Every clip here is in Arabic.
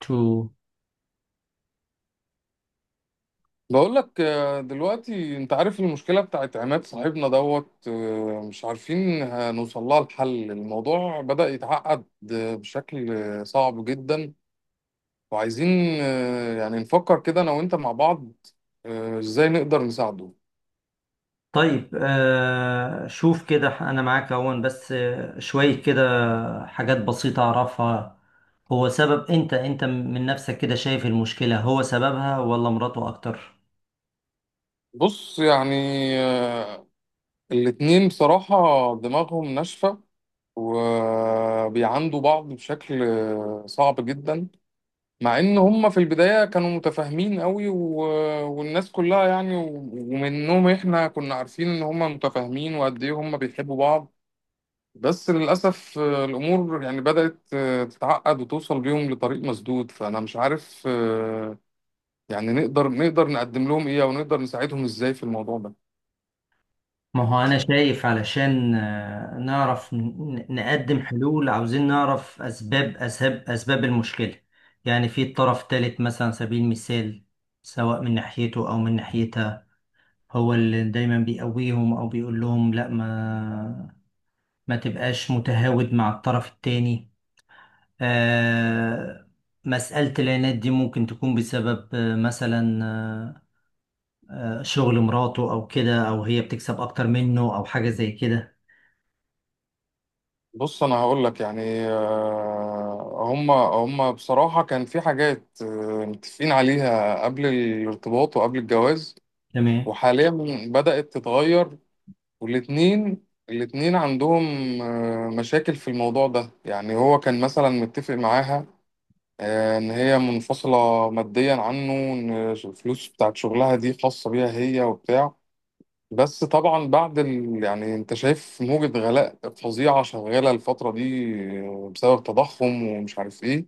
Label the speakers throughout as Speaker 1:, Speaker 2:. Speaker 1: تو
Speaker 2: بقول لك، دلوقتي انت عارف المشكله بتاعت عماد صاحبنا دوت. مش عارفين هنوصل لها الحل. الموضوع بدأ يتعقد بشكل صعب جدا. وعايزين يعني نفكر كده انا وانت مع بعض ازاي نقدر نساعده.
Speaker 1: طيب، شوف كده، انا معاك اهون بس، شوية كده حاجات بسيطة اعرفها. هو سبب انت من نفسك كده شايف المشكلة؟ هو سببها ولا مراته اكتر؟
Speaker 2: بص يعني، آه، الاتنين بصراحه دماغهم ناشفه، وبيعاندوا بعض بشكل صعب جدا. مع ان هم في البداية كانوا متفاهمين قوي والناس كلها يعني، ومنهم احنا كنا عارفين ان هم متفاهمين وقد ايه هم بيحبوا بعض. بس للأسف الأمور يعني بدأت تتعقد وتوصل بيهم لطريق مسدود. فأنا مش عارف يعني نقدر نقدم لهم إيه، أو نقدر نساعدهم إزاي في الموضوع ده.
Speaker 1: ما هو انا شايف، علشان نعرف نقدم حلول، عاوزين نعرف اسباب المشكلة. يعني في طرف تالت مثلا، على سبيل المثال، سواء من ناحيته او من ناحيتها، هو اللي دايما بيقويهم او بيقول لهم لا، ما تبقاش متهاود مع الطرف التاني. آه، مسألة العناد دي ممكن تكون بسبب مثلا، شغل مراته أو كده، أو هي بتكسب أكتر منه أو حاجة زي كده.
Speaker 2: بص أنا هقول لك يعني، هم بصراحة كان في حاجات متفقين عليها قبل الارتباط وقبل الجواز.
Speaker 1: تمام.
Speaker 2: وحاليا بدأت تتغير، والاتنين عندهم مشاكل في الموضوع ده. يعني هو كان مثلا متفق معاها إن هي منفصلة ماديا عنه، إن الفلوس بتاعت شغلها دي خاصة بيها هي وبتاع. بس طبعا بعد يعني انت شايف موجة غلاء فظيعة شغالة الفترة دي بسبب تضخم ومش عارف ايه.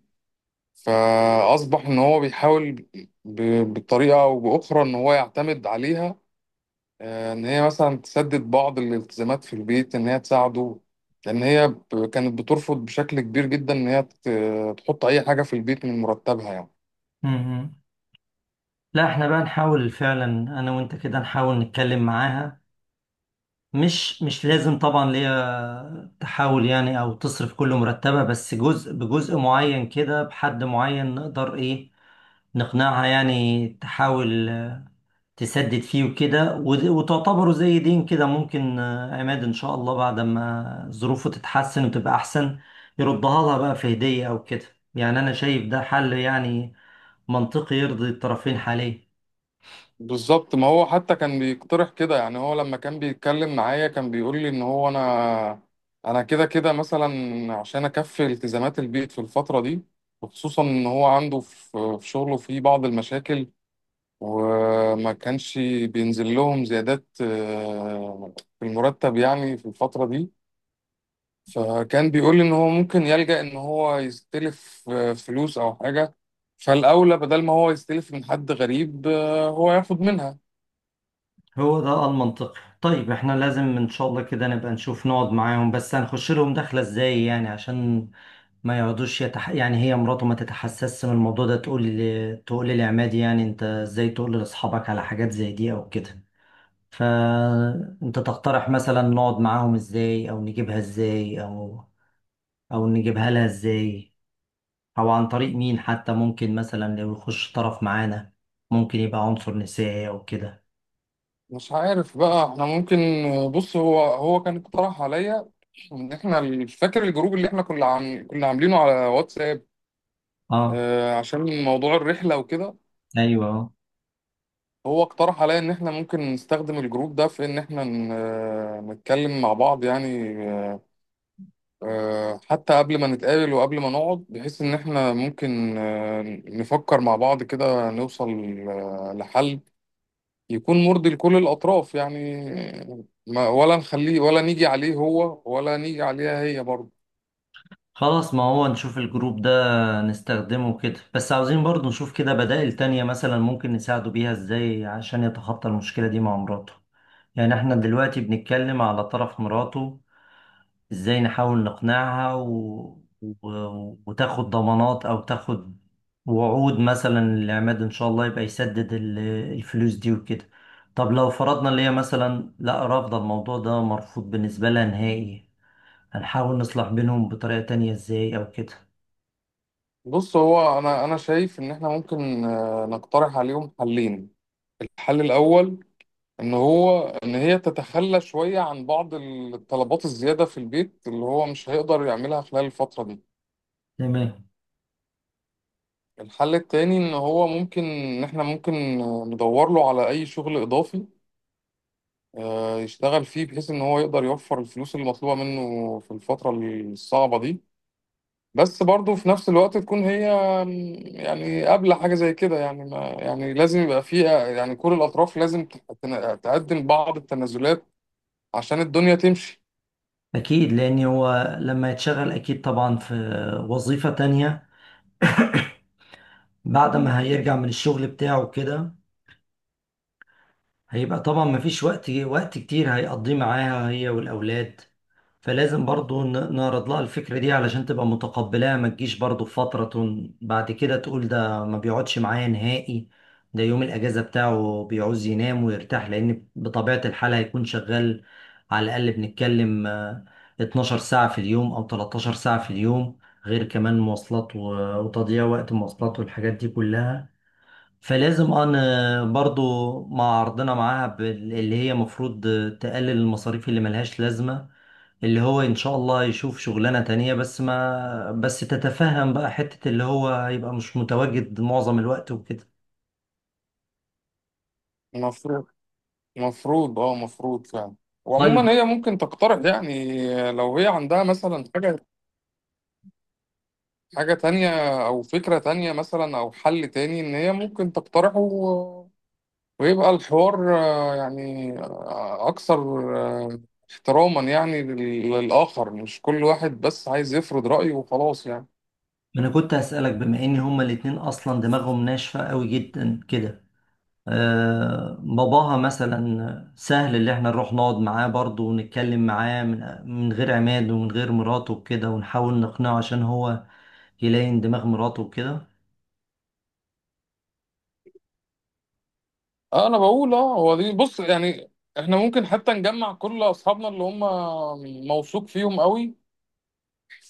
Speaker 2: فأصبح ان هو بيحاول ب... بطريقة او بأخرى ان هو يعتمد عليها، ان هي مثلا تسدد بعض الالتزامات في البيت، ان هي تساعده. لان هي كانت بترفض بشكل كبير جدا ان هي تحط اي حاجه في البيت من مرتبها يعني.
Speaker 1: مم. لا، احنا بقى نحاول فعلا، أنا وأنت كده نحاول نتكلم معاها. مش لازم طبعا ليا تحاول يعني أو تصرف كل مرتبة، بس جزء بجزء معين كده، بحد معين نقدر إيه نقنعها، يعني تحاول تسدد فيه وكده، وتعتبره زي دين كده، ممكن عماد ان شاء الله بعد ما ظروفه تتحسن وتبقى احسن يردها لها بقى في هدية او كده. يعني انا شايف ده حل يعني منطقي، يرضي الطرفين حاليا.
Speaker 2: بالظبط، ما هو حتى كان بيقترح كده. يعني هو لما كان بيتكلم معايا كان بيقول لي ان هو، انا انا كده كده مثلا، عشان اكفي التزامات البيت في الفتره دي، وخصوصا ان هو عنده في شغله في بعض المشاكل، وما كانش بينزل لهم زيادات في المرتب يعني في الفتره دي. فكان بيقول لي ان هو ممكن يلجأ ان هو يستلف فلوس او حاجة. فالاولى بدل ما هو يستلف من حد غريب هو ياخد منها.
Speaker 1: هو ده المنطقي. طيب، احنا لازم ان شاء الله كده نبقى نشوف، نقعد معاهم، بس هنخش لهم دخلة ازاي يعني؟ عشان ما يقعدوش يعني هي مراته ما تتحسسش من الموضوع ده، تقول تقول لعماد يعني انت ازاي تقول لاصحابك على حاجات زي دي او كده؟ فأنت تقترح مثلا نقعد معاهم ازاي، أو نجيبها ازاي، أو نجيبها لها ازاي، أو عن طريق مين، حتى ممكن مثلا لو يخش طرف معانا، ممكن يبقى عنصر نسائي أو كده.
Speaker 2: مش عارف بقى احنا ممكن بص هو كان اقترح عليا، ان احنا فاكر الجروب اللي احنا كنا عاملينه على واتساب
Speaker 1: اه.
Speaker 2: عشان موضوع الرحلة وكده.
Speaker 1: أيوه آه.
Speaker 2: هو اقترح عليا ان احنا ممكن نستخدم الجروب ده في ان احنا نتكلم مع بعض يعني، حتى قبل ما نتقابل وقبل ما نقعد، بحيث إن إحنا ممكن نفكر مع بعض كده نوصل لحل يكون مرضي لكل الأطراف يعني، ما ولا نخليه ولا نيجي عليه هو ولا نيجي عليها هي برضه.
Speaker 1: خلاص، ما هو نشوف الجروب ده، نستخدمه كده، بس عاوزين برضو نشوف كده بدائل تانية مثلا، ممكن نساعده بيها ازاي عشان يتخطى المشكلة دي مع مراته. يعني احنا دلوقتي بنتكلم على طرف مراته، ازاي نحاول نقنعها وتاخد ضمانات او تاخد وعود مثلا للعماد ان شاء الله يبقى يسدد الفلوس دي وكده. طب لو فرضنا اللي هي مثلا لا، رافضة، الموضوع ده مرفوض بالنسبة لها نهائي، هنحاول نصلح بينهم بطريقة تانية ازاي او كده؟
Speaker 2: بص هو، أنا شايف إن إحنا ممكن نقترح عليهم حلين. الحل الأول، إن هو إن هي تتخلى شوية عن بعض الطلبات الزيادة في البيت اللي هو مش هيقدر يعملها خلال الفترة دي.
Speaker 1: تمام.
Speaker 2: الحل التاني، ان هو ممكن ان احنا ممكن ندور له على اي شغل اضافي يشتغل فيه بحيث ان هو يقدر يوفر الفلوس اللي مطلوبة منه في الفترة الصعبة دي. بس برضه في نفس الوقت تكون هي يعني قابلة حاجة زي كده. يعني ما يعني لازم يبقى فيه يعني، كل الأطراف لازم تقدم بعض التنازلات عشان الدنيا تمشي.
Speaker 1: اكيد، لان هو لما يتشغل اكيد طبعا في وظيفة تانية، بعد ما هيرجع من الشغل بتاعه كده هيبقى طبعا مفيش وقت كتير هيقضيه معاها هي والأولاد. فلازم برضو نعرض لها الفكرة دي علشان تبقى متقبلاها، ما تجيش برضو في فترة بعد كده تقول ده ما بيقعدش معايا نهائي. ده يوم الأجازة بتاعه بيعوز ينام ويرتاح، لأن بطبيعة الحال هيكون شغال على الأقل بنتكلم 12 ساعة في اليوم أو 13 ساعة في اليوم، غير كمان مواصلات وتضييع وقت مواصلات والحاجات دي كلها. فلازم انا برضو مع عرضنا معاها اللي هي مفروض تقلل المصاريف اللي ملهاش لازمة، اللي هو ان شاء الله يشوف شغلانة تانية، بس ما بس تتفهم بقى حتة اللي هو هيبقى مش متواجد معظم الوقت وكده.
Speaker 2: المفروض المفروض فعلا. وعموما
Speaker 1: طيب،
Speaker 2: هي ممكن تقترح يعني لو هي عندها مثلا حاجة، حاجة تانية، أو فكرة تانية مثلا، أو حل تاني إن هي ممكن تقترحه ويبقى الحوار يعني أكثر آه، احتراما يعني للآخر، مش كل واحد بس عايز يفرض رأيه وخلاص يعني.
Speaker 1: انا كنت هسألك، بما ان هما الاتنين اصلا دماغهم ناشفة قوي جدا كده، باباها مثلا سهل اللي احنا نروح نقعد معاه برضه ونتكلم معاه من غير عماد ومن غير مراته وكده، ونحاول نقنعه عشان هو يلاقي دماغ مراته وكده؟
Speaker 2: أنا بقول هو دي، بص يعني إحنا ممكن حتى نجمع كل أصحابنا اللي هم موثوق فيهم قوي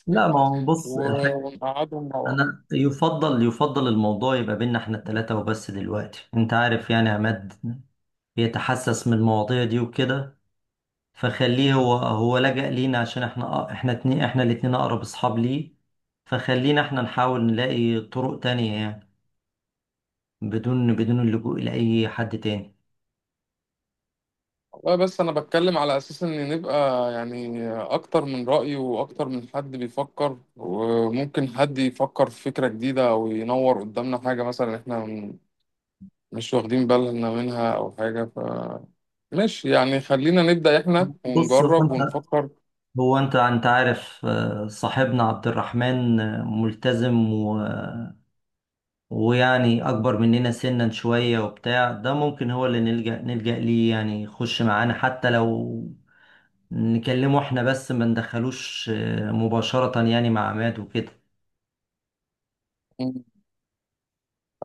Speaker 1: لا، ما هو بص الحاجة،
Speaker 2: ونقعدهم مع بعض.
Speaker 1: انا يفضل الموضوع يبقى بينا احنا التلاتة وبس، دلوقتي انت عارف يعني عماد بيتحسس من المواضيع دي وكده، فخليه. هو لجأ لينا عشان احنا، احنا اتنين احنا الاتنين اقرب اصحاب ليه، فخلينا احنا نحاول نلاقي طرق تانية يعني، بدون اللجوء لأي حد تاني.
Speaker 2: والله بس انا بتكلم على اساس ان نبقى يعني اكتر من رأي واكتر من حد بيفكر، وممكن حد يفكر في فكرة جديدة او ينور قدامنا حاجة مثلا احنا مش واخدين بالنا منها او حاجة. فماشي يعني، خلينا نبدأ احنا
Speaker 1: بص، هو
Speaker 2: ونجرب
Speaker 1: انت،
Speaker 2: ونفكر.
Speaker 1: انت عارف، صاحبنا عبد الرحمن ملتزم، ويعني اكبر مننا سنا شوية وبتاع، ده ممكن هو اللي نلجأ ليه يعني، يخش معانا، حتى لو نكلمه احنا بس ما ندخلوش مباشرة يعني مع عماد وكده.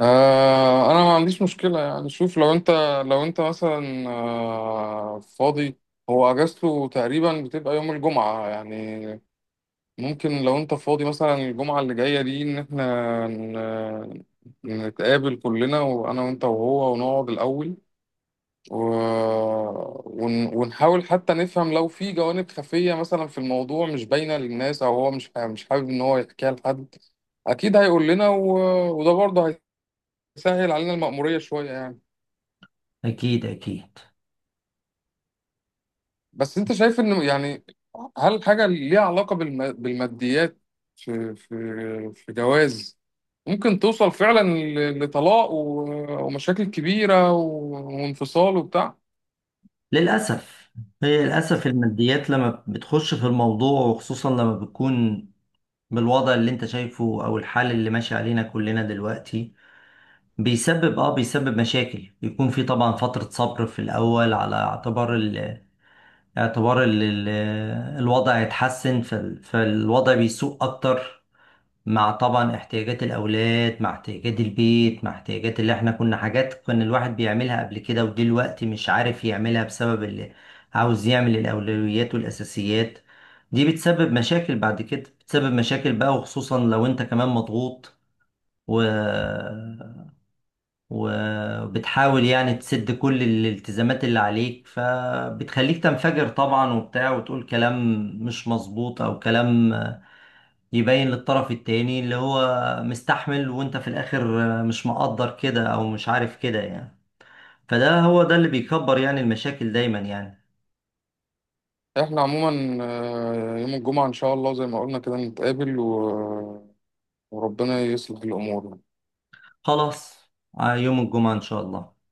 Speaker 2: انا ما عنديش مشكلة يعني. شوف لو انت مثلا فاضي. هو اجازته تقريبا بتبقى يوم الجمعة يعني. ممكن لو انت فاضي مثلا الجمعة اللي جاية دي، ان احنا نتقابل كلنا، وانا وانت وهو، ونقعد الاول و... ونحاول حتى نفهم لو في جوانب خفية مثلا في الموضوع مش باينة للناس، او هو مش مش حابب ان هو يحكيها لحد. اكيد هيقول لنا وده برضه هيسهل علينا المأمورية شوية يعني.
Speaker 1: اكيد اكيد.
Speaker 2: بس انت شايف ان يعني، هل حاجه ليها علاقه بالماديات في في جواز، ممكن توصل فعلا لطلاق ومشاكل كبيره وانفصال وبتاع؟
Speaker 1: للأسف. هي للأسف الماديات لما بتخش في الموضوع، وخصوصا لما بتكون بالوضع اللي انت شايفه او الحال اللي ماشي علينا كلنا دلوقتي، بيسبب مشاكل. بيكون في طبعا فترة صبر في الأول، على اعتبار اعتبار ال- ال- الوضع هيتحسن، فالوضع بيسوء اكتر مع طبعا احتياجات الاولاد، مع احتياجات البيت، مع احتياجات اللي احنا كنا حاجات كان الواحد بيعملها قبل كده ودلوقتي مش عارف يعملها، بسبب اللي عاوز يعمل الاولويات والاساسيات. دي بتسبب مشاكل بعد كده، بتسبب مشاكل بقى، وخصوصا لو انت كمان مضغوط و... وبتحاول يعني تسد كل الالتزامات اللي عليك، فبتخليك تنفجر طبعا وبتاع، وتقول كلام مش مظبوط او كلام يبين للطرف التاني اللي هو مستحمل وانت في الاخر مش مقدر كده، او مش عارف كده يعني. فده هو ده اللي بيكبر يعني المشاكل دايما يعني.
Speaker 2: احنا عموما يوم الجمعه ان شاء الله زي ما قلنا كده نتقابل وربنا يصلح الامور.
Speaker 1: خلاص. يوم الجمعة ان شاء الله.